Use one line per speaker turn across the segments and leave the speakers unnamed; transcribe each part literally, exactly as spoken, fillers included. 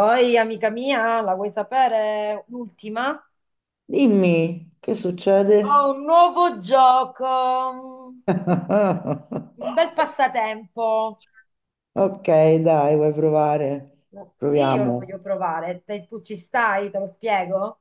Oi, amica mia, la vuoi sapere l'ultima?
Dimmi, che
Ho
succede?
un nuovo gioco, un un bel passatempo.
Ok, dai, vuoi provare?
Sì, io lo voglio
Proviamo.
provare. Te- tu ci stai? Te lo spiego?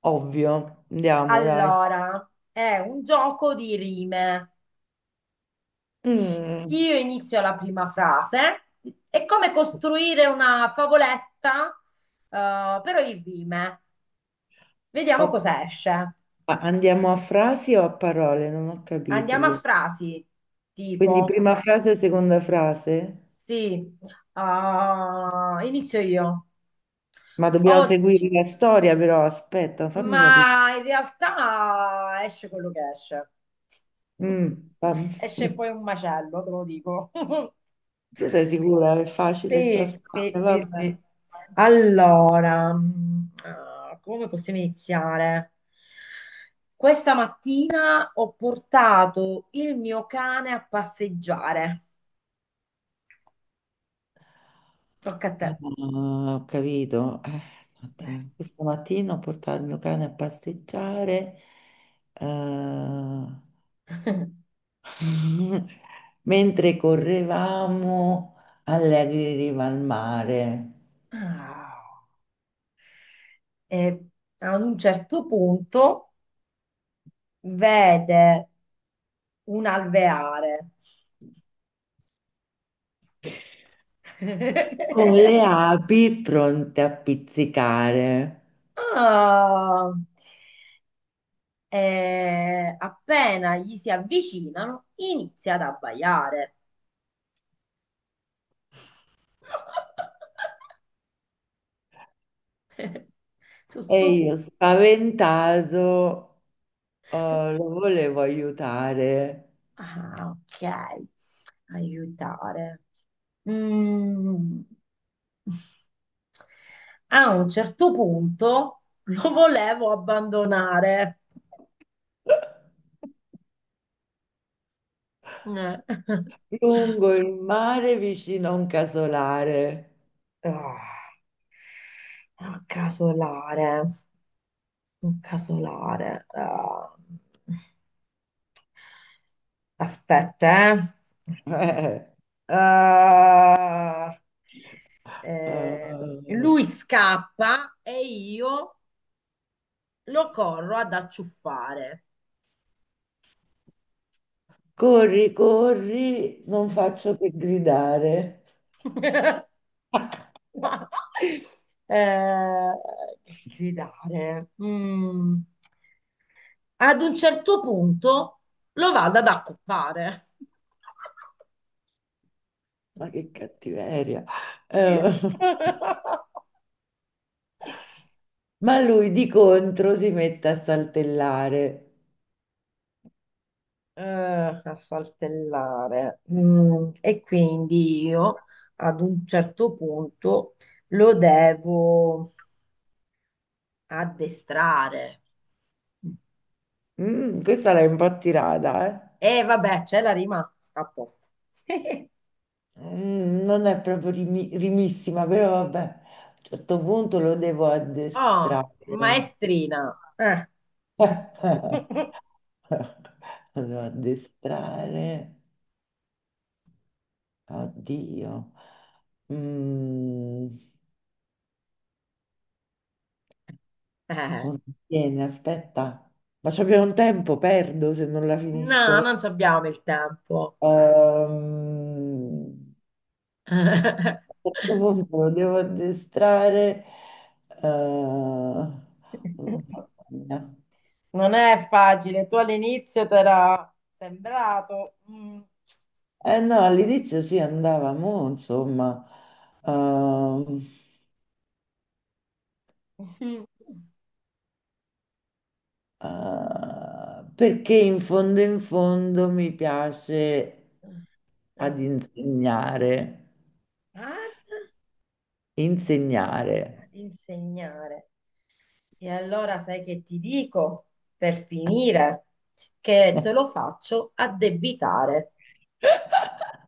Ovvio, andiamo, dai.
Allora, è un gioco di rime.
Mm,
Io inizio la prima frase. È come costruire una favoletta, eh, però in rime. Vediamo
ok.
cosa esce.
Ma andiamo a frasi o a parole? Non ho capito
Andiamo a
questo.
frasi
Quindi
tipo.
prima frase, seconda frase?
Sì, ah, inizio io.
Ma dobbiamo
Oggi,
seguire la storia, però aspetta, fammi capire.
ma in realtà esce quello che esce.
Mm, fam-
Esce poi un macello, te lo dico.
Tu sei sicura? È facile sta
Sì,
storia,
sì, sì,
vabbè.
sì. Allora, mm, ah, come possiamo iniziare? Questa mattina ho portato il mio cane a passeggiare. Tocca a te.
Ah, ho capito. Eh, un
Eh.
attimo. Questa mattina ho portato il mio cane a passeggiare. Eh, Mentre correvamo, allegri in riva al mare,
Ah. E ad un certo punto vede un alveare.
con le api pronte a pizzicare.
Ah, eh, appena gli si avvicinano, inizia ad abbaiare. Su,
E
su.
io, spaventato, eh, lo volevo aiutare.
Ah, ok. Aiutare. Mm. A un certo punto lo volevo abbandonare. Eh.
Lungo il mare, vicino a un casolare.
Ah. Ah, casolare, un casolare. Ah, aspetta, eh. Ah,
Eh,
eh,
eh.
lui scappa e io lo corro ad acciuffare.
Corri, corri, non faccio che gridare.
Ma, eh, che gridare. Mm. Ad un certo punto lo vado ad accoppare.
Ma che cattiveria. Eh, ma lui di contro si mette a saltellare.
Eh, a saltellare. Mm, e quindi io ad un certo punto lo devo addestrare.
Mm, questa l'hai un po' tirata, eh?
E vabbè, c'è la rima, sta a posto.
Mm, non è proprio rimi- rimissima, però vabbè, a un certo punto lo devo
Oh,
addestrare.
maestrina. Eh.
Lo devo addestrare. Oddio. Mm.
Eh,
Vieni, aspetta, ma c'abbiamo un tempo, perdo se non la finisco.
no,
Eh.
non ci abbiamo il tempo.
Ehm, a questo punto lo devo addestrare. Eh, oh, mamma mia.
Non è facile, tu all'inizio ti era sembrato. Mm.
Eh no, all'inizio si andava, mo, insomma, ehm,
Mm.
eh, perché in fondo in fondo mi piace ad
Eh,
insegnare,
ad,
insegnare.
ad insegnare. E allora sai che ti dico per finire che te lo faccio addebitare.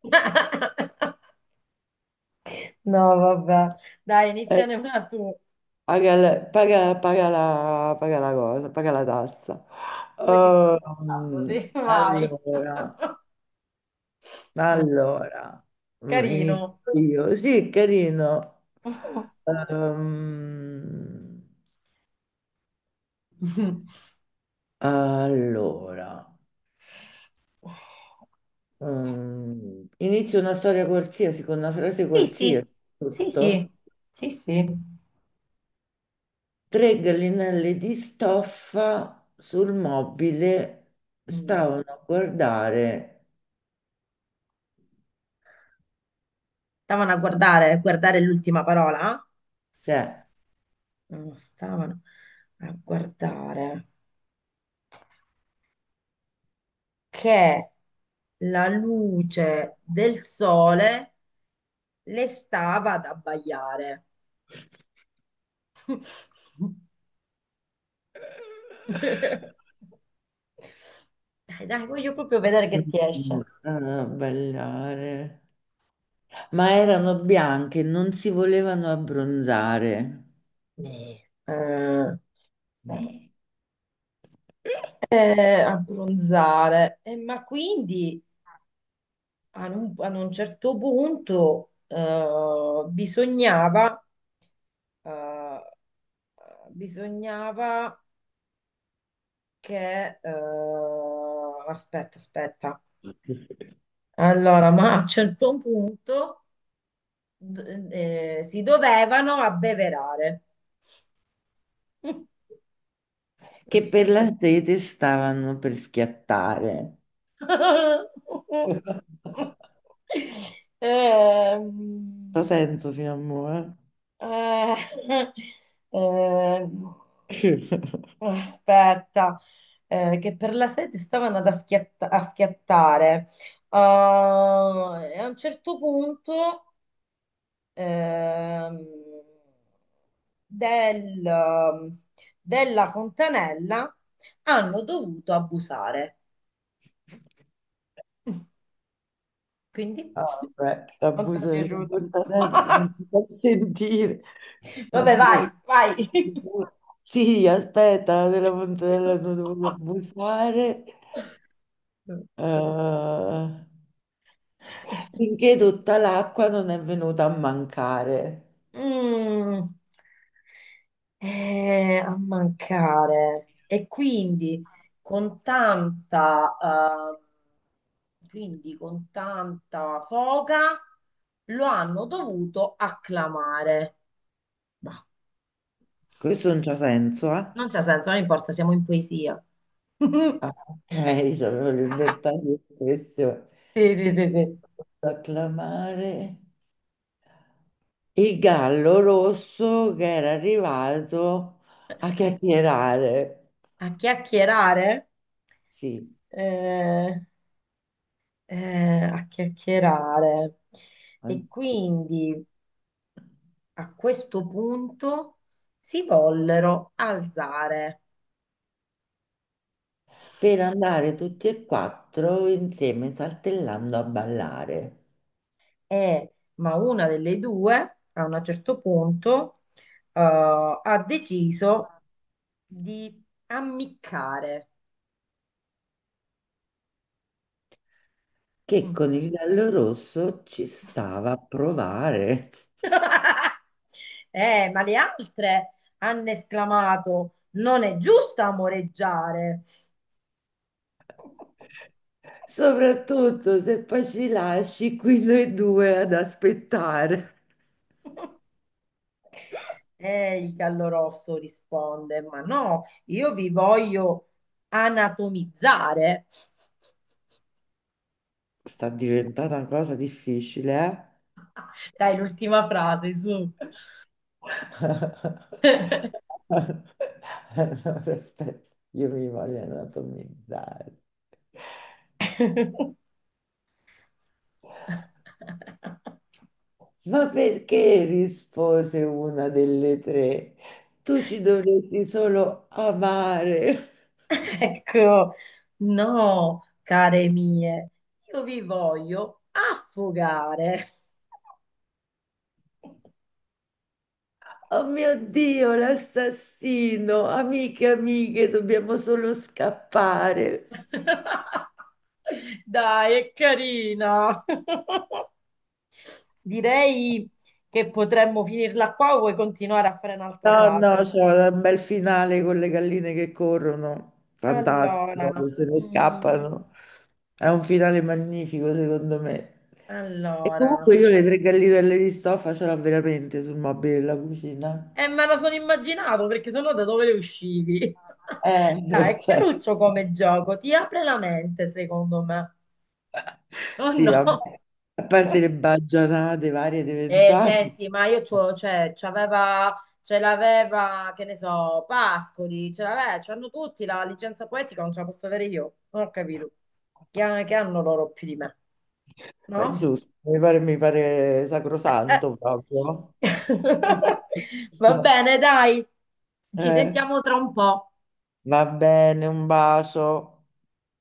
No, vabbè. Dai, iniziane una tu.
Paga la, paga- paga la- paga la cosa, paga la tassa.
Poi ti prendo il tasto,
Ehm,
sì, vai.
Allora, allora, mm,
Carino.
inizio io. Sì, è carino. Ehm, allora, mm, inizio una storia qualsiasi con una frase
Sì, sì,
qualsiasi,
sì,
giusto?
sì, sì, sì.
Tre gallinelle di stoffa sul mobile
Mm.
stavano a guardare,
Stavano a guardare, guardare l'ultima parola.
se.
Non stavano a guardare che la luce del sole le stava ad abbagliare. Dai, dai, voglio proprio vedere che ti
Mm,
esce.
ah, ballare. Ma erano bianche, non si volevano abbronzare,
Eh,
Eh.
eh, abbronzare. Eh, ma quindi ad un, ad un certo punto eh, bisognava, eh, bisognava che... eh, aspetta, aspetta. Allora, ma a un certo punto d- eh, si dovevano abbeverare.
che
Così.
per la sete stavano per schiattare. Ha
Ehm,
senso fino a mo', eh?
eh, ehm, aspetta, eh, che per la sete stavano ad aschiatta- a schiattare. Ah, e a un certo punto ehm, del- della Fontanella hanno dovuto abusare. Quindi
Ah, vabbè,
non ti è
l'abuso della
piaciuta.
fontanella non ti fa sentire.
Vabbè,
Allora,
vai, vai.
sì, aspetta, della fontanella non devo abusare. Eh, finché tutta l'acqua non è venuta a mancare.
Mm. Eh, a mancare. E quindi con tanta ehm, quindi con tanta foga lo hanno dovuto acclamare. Ma
Questo non c'ha senso, eh?
non c'è senso, non importa, siamo in poesia.
Ah, ok, c'avevo libertà di espressione.
Sì, sì, sì, sì.
Acclamare il gallo rosso che era arrivato a chiacchierare.
A chiacchierare?
Sì,
Eh, eh, a chiacchierare. E
anzi,
quindi a questo punto si vollero alzare.
per andare tutti e quattro insieme saltellando a ballare,
E, ma una delle due, a un certo punto, eh, ha deciso di ammiccare.
che
Mm.
con il gallo rosso ci stava a provare.
Eh, ma le altre hanno esclamato: non è giusto amoreggiare.
Soprattutto se poi ci lasci qui noi due ad aspettare.
E il gallo rosso risponde: ma no, io vi voglio anatomizzare.
Sta diventando una cosa difficile,
Dai, l'ultima frase, su.
eh? Allora, aspetta, io mi voglio anatomizzare. Ma perché rispose una delle tre? Tu ci dovresti solo amare.
Ecco, no, care mie, io vi voglio affogare.
Oh mio Dio, l'assassino! Amiche, amiche, dobbiamo solo scappare.
Dai, è carina. Direi che potremmo finirla qua o vuoi continuare a fare un'altra
No, no,
frase?
c'è un bel finale con le galline che corrono, fantastico,
Allora,
che se ne
mm,
scappano. È un finale magnifico, secondo me. E
allora.
comunque io le tre gallinelle di stoffa ce l'ho veramente sul mobile della cucina.
Eh, me la sono immaginato perché sennò da dove le uscivi? Dai,
Eh,
è
certo.
caruccio come gioco, ti apre la mente, secondo me. Oh
Sì, vabbè.
no.
A parte le baggianate varie ed
Eh,
eventuali,
senti, ma io c'ho, cioè, c'aveva, ce l'aveva, che ne so, Pascoli, ce l'aveva, c'hanno tutti la licenza poetica, non ce la posso avere io, non ho capito. Che, ha- che hanno loro più di me,
ma è
no?
giusto, mi pare, mi pare
Eh, eh.
sacrosanto proprio. È giusto.
Va bene, dai, ci
Eh.
sentiamo tra un po'.
Va bene, un bacio.